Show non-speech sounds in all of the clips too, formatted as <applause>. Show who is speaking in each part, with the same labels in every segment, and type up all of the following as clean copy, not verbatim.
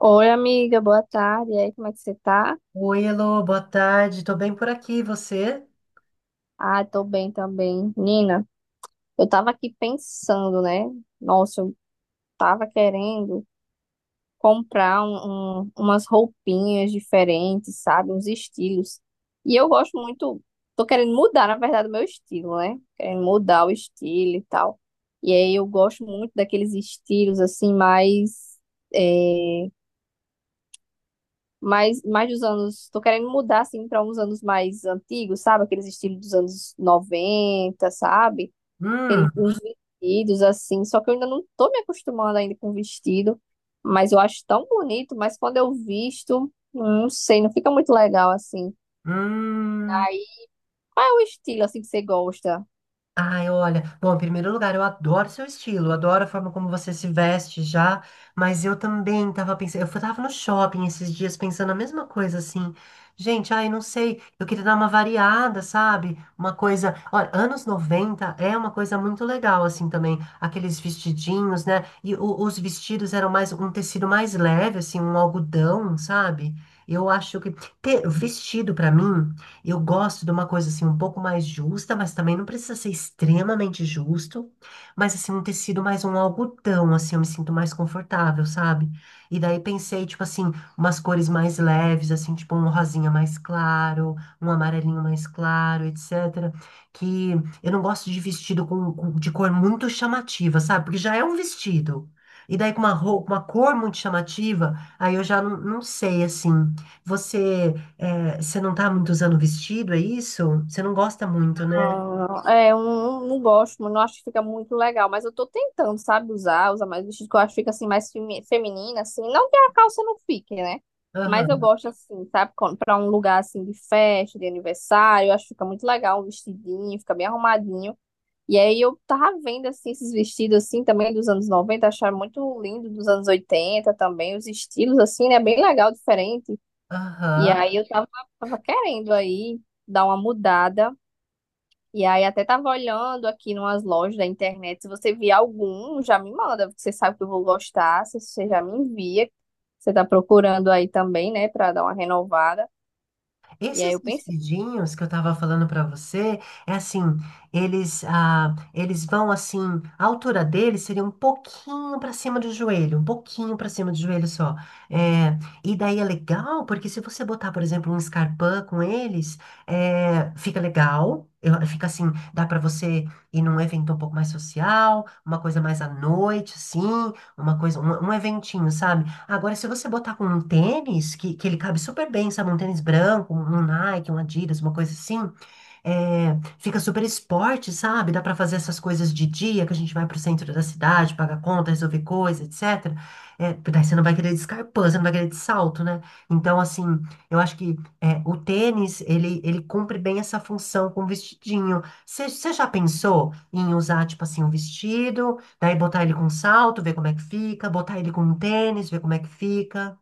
Speaker 1: Oi, amiga, boa tarde. E aí, como é que você tá?
Speaker 2: Oi, Elô, boa tarde. Tô bem por aqui, e você?
Speaker 1: Ah, tô bem também. Nina, eu tava aqui pensando, né? Nossa, eu tava querendo comprar umas roupinhas diferentes, sabe? Uns estilos. E eu gosto muito, tô querendo mudar, na verdade, o meu estilo, né? Querendo mudar o estilo e tal. E aí eu gosto muito daqueles estilos, assim, eh, Mas mais dos anos, tô querendo mudar assim para uns anos mais antigos, sabe? Aqueles estilos dos anos noventa, sabe? Aqueles
Speaker 2: Hum,
Speaker 1: uns vestidos assim, só que eu ainda não tô me acostumando ainda com vestido, mas eu acho tão bonito, mas quando eu visto, não sei, não fica muito legal assim.
Speaker 2: hum.
Speaker 1: Aí, qual é o estilo assim que você gosta?
Speaker 2: Ai, olha, bom, em primeiro lugar, eu adoro seu estilo, eu adoro a forma como você se veste já, mas eu também tava pensando, tava no shopping esses dias pensando a mesma coisa, assim, gente, ai, não sei, eu queria dar uma variada, sabe? Uma coisa, olha, anos 90 é uma coisa muito legal, assim, também, aqueles vestidinhos, né? E os vestidos eram mais, um tecido mais leve, assim, um algodão, sabe? Eu acho que ter vestido pra mim eu gosto de uma coisa assim um pouco mais justa, mas também não precisa ser extremamente justo, mas assim um tecido mais um algodão, assim eu me sinto mais confortável, sabe? E daí pensei tipo assim, umas cores mais leves, assim, tipo um rosinha mais claro, um amarelinho mais claro, etc. Que eu não gosto de vestido com de cor muito chamativa, sabe? Porque já é um vestido. E daí com uma roupa, uma cor muito chamativa, aí eu já não sei assim. Você é, você não tá muito usando vestido, é isso? Você não gosta muito, né?
Speaker 1: Ah, é, eu não, não gosto, mas não acho que fica muito legal, mas eu tô tentando, sabe, usar mais vestido, que eu acho que fica assim mais feminina, assim, não que a calça não fique, né? Mas eu
Speaker 2: Aham,
Speaker 1: gosto assim, sabe, pra um lugar assim de festa, de aniversário, eu acho que fica muito legal um vestidinho, fica bem arrumadinho. E aí eu tava vendo assim esses vestidos assim também dos anos 90, acharam muito lindo dos anos 80 também, os estilos assim, né, bem legal, diferente. E
Speaker 2: aham.
Speaker 1: aí tava querendo aí dar uma mudada. E aí até tava olhando aqui numas lojas da internet, se você vier algum, já me manda, porque você sabe que eu vou gostar, se você já me envia, você tá procurando aí também, né, pra dar uma renovada. E aí
Speaker 2: Esses
Speaker 1: eu pensei,
Speaker 2: vestidinhos que eu tava falando pra você, é assim, eles, ah, eles vão assim, a altura deles seria um pouquinho pra cima do joelho, um pouquinho pra cima do joelho só. É, e daí é legal, porque se você botar, por exemplo, um escarpin com eles, é, fica legal. Fica assim, dá pra você ir num evento um pouco mais social, uma coisa mais à noite, assim, uma coisa, um eventinho, sabe? Agora, se você botar com um tênis, que ele cabe super bem, sabe? Um tênis branco, um Nike, um Adidas, uma coisa assim, é, fica super esporte, sabe? Dá para fazer essas coisas de dia, que a gente vai pro centro da cidade, paga conta, resolver coisa, etc. É, daí você não vai querer de escarpão, você não vai querer de salto, né? Então, assim, eu acho que é, o tênis, ele cumpre bem essa função com o vestidinho. Você já pensou em usar, tipo assim, um vestido, daí botar ele com salto, ver como é que fica, botar ele com um tênis, ver como é que fica?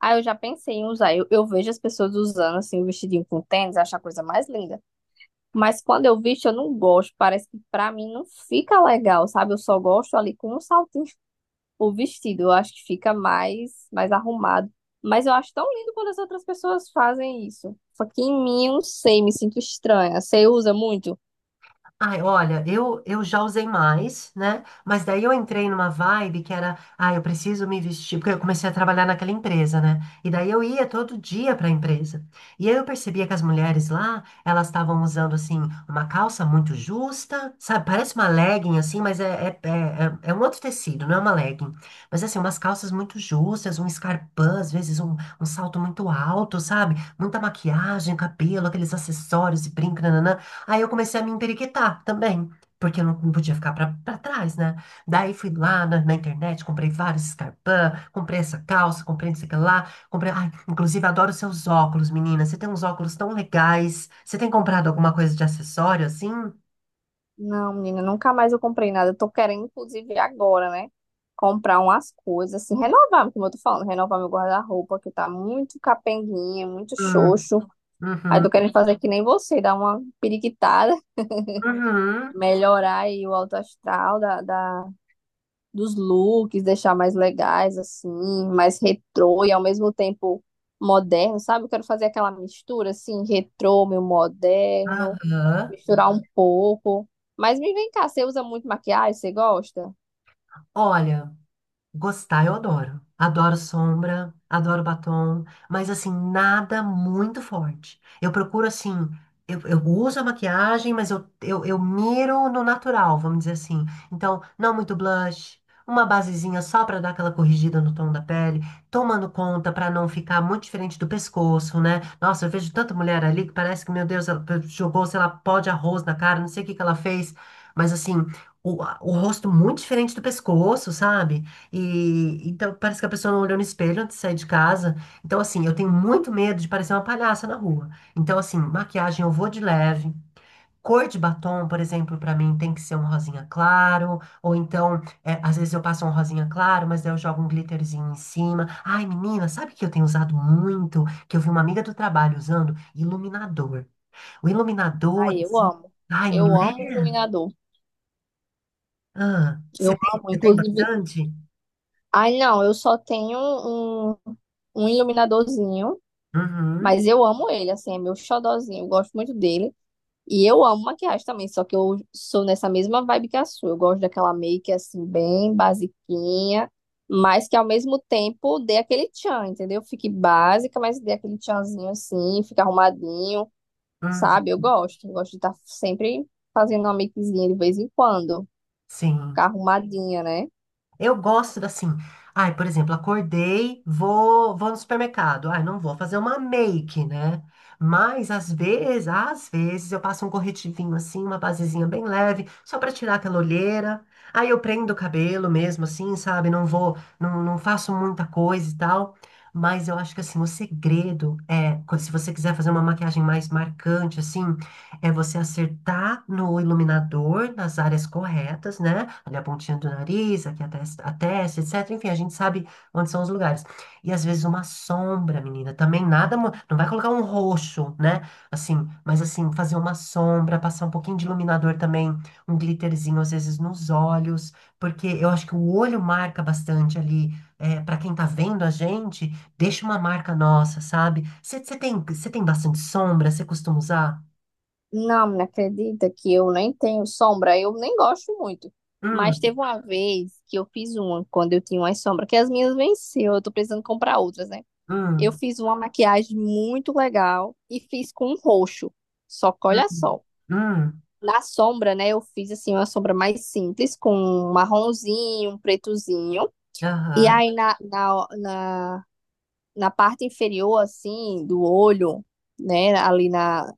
Speaker 1: ah, eu já pensei em usar, eu vejo as pessoas usando assim, o vestidinho com tênis, acho a coisa mais linda. Mas quando eu visto, eu não gosto, parece que pra mim não fica legal, sabe? Eu só gosto ali com um saltinho o vestido. Eu acho que fica mais arrumado. Mas eu acho tão lindo quando as outras pessoas fazem isso. Só que em mim, eu não sei, me sinto estranha. Você usa muito?
Speaker 2: Ai, olha, eu já usei mais, né? Mas daí eu entrei numa vibe que era, ah, eu preciso me vestir, porque eu comecei a trabalhar naquela empresa, né? E daí eu ia todo dia para a empresa. E aí eu percebia que as mulheres lá, elas estavam usando, assim, uma calça muito justa, sabe? Parece uma legging, assim, mas é um outro tecido, não é uma legging. Mas, assim, umas calças muito justas, um escarpão, às vezes um salto muito alto, sabe? Muita maquiagem, cabelo, aqueles acessórios e brinco, nananã. Aí eu comecei a me emperequetar também, porque eu não podia ficar pra trás, né? Daí fui lá na internet, comprei vários escarpins, comprei essa calça, comprei não sei o que lá, comprei. Ai, inclusive, adoro seus óculos, menina. Você tem uns óculos tão legais. Você tem comprado alguma coisa de acessório assim?
Speaker 1: Não, menina, nunca mais eu comprei nada. Eu tô querendo, inclusive, agora, né? Comprar umas coisas, assim, renovar, como eu tô falando, renovar meu guarda-roupa, que tá muito capenguinha, muito
Speaker 2: Hum,
Speaker 1: xoxo. Aí
Speaker 2: uhum,
Speaker 1: tô querendo fazer que nem você, dar uma periquitada, <laughs>
Speaker 2: uhum,
Speaker 1: melhorar aí o alto astral dos looks, deixar mais legais, assim, mais retrô e ao mesmo tempo moderno, sabe? Eu quero fazer aquela mistura, assim, retrô, meio moderno,
Speaker 2: aham.
Speaker 1: misturar um pouco. Mas me vem cá, você usa muito maquiagem? Você gosta?
Speaker 2: Olha. Gostar, eu adoro. Adoro sombra, adoro batom, mas assim, nada muito forte. Eu procuro assim, eu uso a maquiagem, mas eu miro no natural, vamos dizer assim. Então, não muito blush, uma basezinha só pra dar aquela corrigida no tom da pele, tomando conta pra não ficar muito diferente do pescoço, né? Nossa, eu vejo tanta mulher ali que parece que, meu Deus, ela jogou, sei lá, pó de arroz na cara, não sei o que que ela fez, mas assim, o rosto muito diferente do pescoço, sabe? E então parece que a pessoa não olhou no espelho antes de sair de casa. Então, assim, eu tenho muito medo de parecer uma palhaça na rua. Então, assim, maquiagem eu vou de leve. Cor de batom, por exemplo, pra mim tem que ser um rosinha claro. Ou então, é, às vezes eu passo um rosinha claro, mas daí eu jogo um glitterzinho em cima. Ai, menina, sabe que eu tenho usado muito? Que eu vi uma amiga do trabalho usando iluminador. O iluminador,
Speaker 1: Ai, eu
Speaker 2: assim.
Speaker 1: amo.
Speaker 2: Ai, não
Speaker 1: Eu amo
Speaker 2: é?
Speaker 1: iluminador.
Speaker 2: Ah,
Speaker 1: Eu amo,
Speaker 2: você tem
Speaker 1: inclusive.
Speaker 2: bastante?
Speaker 1: Ai, não, eu só tenho um iluminadorzinho,
Speaker 2: Uhum,
Speaker 1: mas eu amo ele, assim, é meu xodózinho, eu gosto muito dele. E eu amo maquiagem também, só que eu sou nessa mesma vibe que a sua. Eu gosto daquela make assim, bem basiquinha, mas que ao mesmo tempo dê aquele tchan, entendeu? Fique básica, mas dê aquele tchanzinho assim, fica arrumadinho,
Speaker 2: uhum,
Speaker 1: sabe? Eu gosto. Eu gosto de estar sempre fazendo uma makezinha de vez em quando, ficar
Speaker 2: sim.
Speaker 1: arrumadinha, né?
Speaker 2: Eu gosto assim. Ai, por exemplo, acordei, vou no supermercado. Ai, não vou fazer uma make, né? Mas às vezes eu passo um corretivinho assim, uma basezinha bem leve, só para tirar aquela olheira. Aí eu prendo o cabelo mesmo assim, sabe? Não vou, não faço muita coisa e tal. Mas eu acho que assim, o segredo é, se você quiser fazer uma maquiagem mais marcante assim, é você acertar no iluminador, nas áreas corretas, né? Ali a pontinha do nariz, aqui a testa, etc. Enfim, a gente sabe onde são os lugares. E às vezes uma sombra, menina, também nada. Não vai colocar um roxo, né? Mas assim, fazer uma sombra, passar um pouquinho de iluminador também, um glitterzinho às vezes nos olhos, porque eu acho que o olho marca bastante ali. É, para quem tá vendo a gente, deixa uma marca nossa, sabe? Você tem bastante sombra, você costuma usar?
Speaker 1: Não, me acredita que eu nem tenho sombra, eu nem gosto muito. Mas teve
Speaker 2: Hum,
Speaker 1: uma vez que eu fiz uma, quando eu tinha uma sombra que as minhas venceu, eu tô precisando comprar outras, né?
Speaker 2: hum,
Speaker 1: Eu fiz uma maquiagem muito legal e fiz com roxo. Só que olha
Speaker 2: hum,
Speaker 1: só,
Speaker 2: hum.
Speaker 1: na sombra, né, eu fiz assim uma sombra mais simples, com um marronzinho, um pretozinho. E
Speaker 2: Aham.
Speaker 1: aí na parte inferior, assim, do olho, né,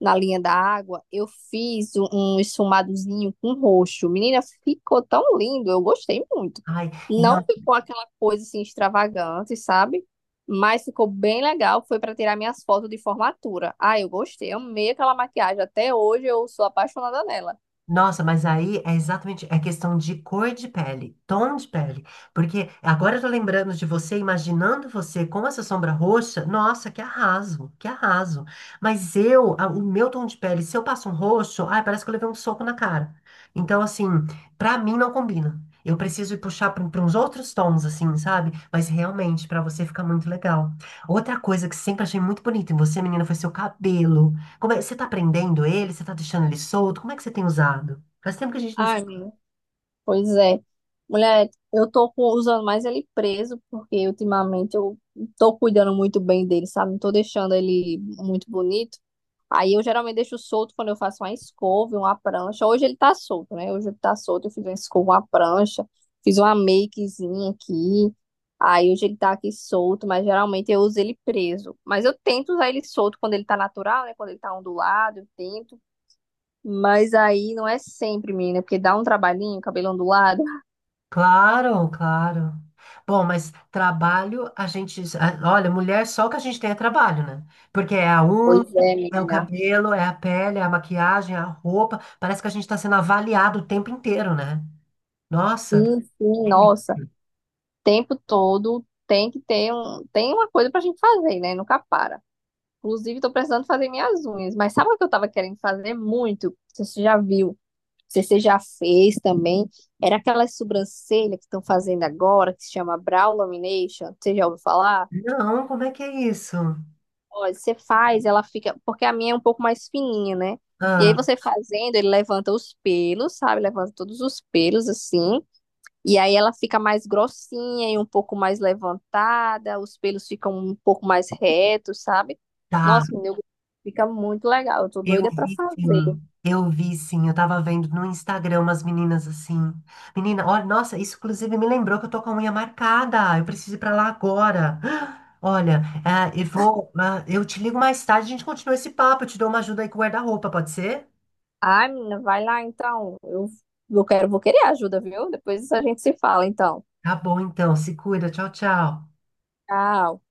Speaker 1: na linha da água, eu fiz um esfumadozinho com roxo. Menina, ficou tão lindo, eu gostei muito.
Speaker 2: Ai, e não,
Speaker 1: Não ficou aquela coisa assim extravagante, sabe? Mas ficou bem legal. Foi para tirar minhas fotos de formatura. Ah, eu gostei, amei aquela maquiagem. Até hoje eu sou apaixonada nela.
Speaker 2: nossa, mas aí é exatamente é questão de cor de pele, tom de pele. Porque agora eu tô lembrando de você, imaginando você com essa sombra roxa. Nossa, que arraso, que arraso. Mas eu, o meu tom de pele, se eu passo um roxo, ai, parece que eu levei um soco na cara. Então, assim, pra mim não combina. Eu preciso ir puxar para uns outros tons, assim, sabe? Mas realmente, pra você fica muito legal. Outra coisa que sempre achei muito bonita em você, menina, foi seu cabelo. Como é, você tá prendendo ele? Você tá deixando ele solto? Como é que você tem usado? Faz tempo que a gente não se...
Speaker 1: Ai, menina, pois é. Mulher, eu tô usando mais ele preso, porque ultimamente eu tô cuidando muito bem dele, sabe? Não tô deixando ele muito bonito. Aí eu geralmente deixo solto quando eu faço uma escova e uma prancha. Hoje ele tá solto, né? Hoje ele tá solto, eu fiz uma escova, uma prancha, fiz uma makezinha aqui. Aí hoje ele tá aqui solto, mas geralmente eu uso ele preso. Mas eu tento usar ele solto quando ele tá natural, né? Quando ele tá ondulado, eu tento. Mas aí não é sempre, menina, porque dá um trabalhinho, cabelo ondulado.
Speaker 2: Claro, claro. Bom, mas trabalho, olha, mulher, só o que a gente tem é trabalho, né? Porque é a unha,
Speaker 1: Pois é,
Speaker 2: é o
Speaker 1: menina.
Speaker 2: cabelo, é a pele, é a maquiagem, é a roupa. Parece que a gente tá sendo avaliado o tempo inteiro, né? Nossa.
Speaker 1: Sim, sim, nossa. Tempo todo tem que ter um, tem uma coisa pra gente fazer, né? Nunca para. Inclusive, tô precisando fazer minhas unhas. Mas sabe o que eu tava querendo fazer muito? Não sei se você já viu? Não sei se você já fez também? Era aquelas sobrancelhas que estão fazendo agora, que se chama brow lamination. Você já ouviu falar?
Speaker 2: Não, como é que é isso?
Speaker 1: Olha, você faz, ela fica. Porque a minha é um pouco mais fininha, né? E aí
Speaker 2: Ah,
Speaker 1: você fazendo, ele levanta os pelos, sabe? Levanta todos os pelos assim. E aí ela fica mais grossinha e um pouco mais levantada, os pelos ficam um pouco mais retos, sabe?
Speaker 2: tá.
Speaker 1: Nossa, menina, fica muito legal. Eu tô
Speaker 2: Eu
Speaker 1: doida pra
Speaker 2: vi sim,
Speaker 1: fazer.
Speaker 2: eu vi sim. Eu tava vendo no Instagram umas meninas assim. Menina, olha, nossa, isso inclusive me lembrou que eu tô com a unha marcada. Eu preciso ir pra lá agora. <gasps> Olha, eu vou. Eu te ligo mais tarde, a gente continua esse papo. Eu te dou uma ajuda aí com o guarda-roupa, pode ser?
Speaker 1: Ai, menina, vai lá então. Eu quero, vou querer ajuda, viu? Depois a gente se fala, então.
Speaker 2: Tá bom, então. Se cuida. Tchau, tchau.
Speaker 1: Tchau.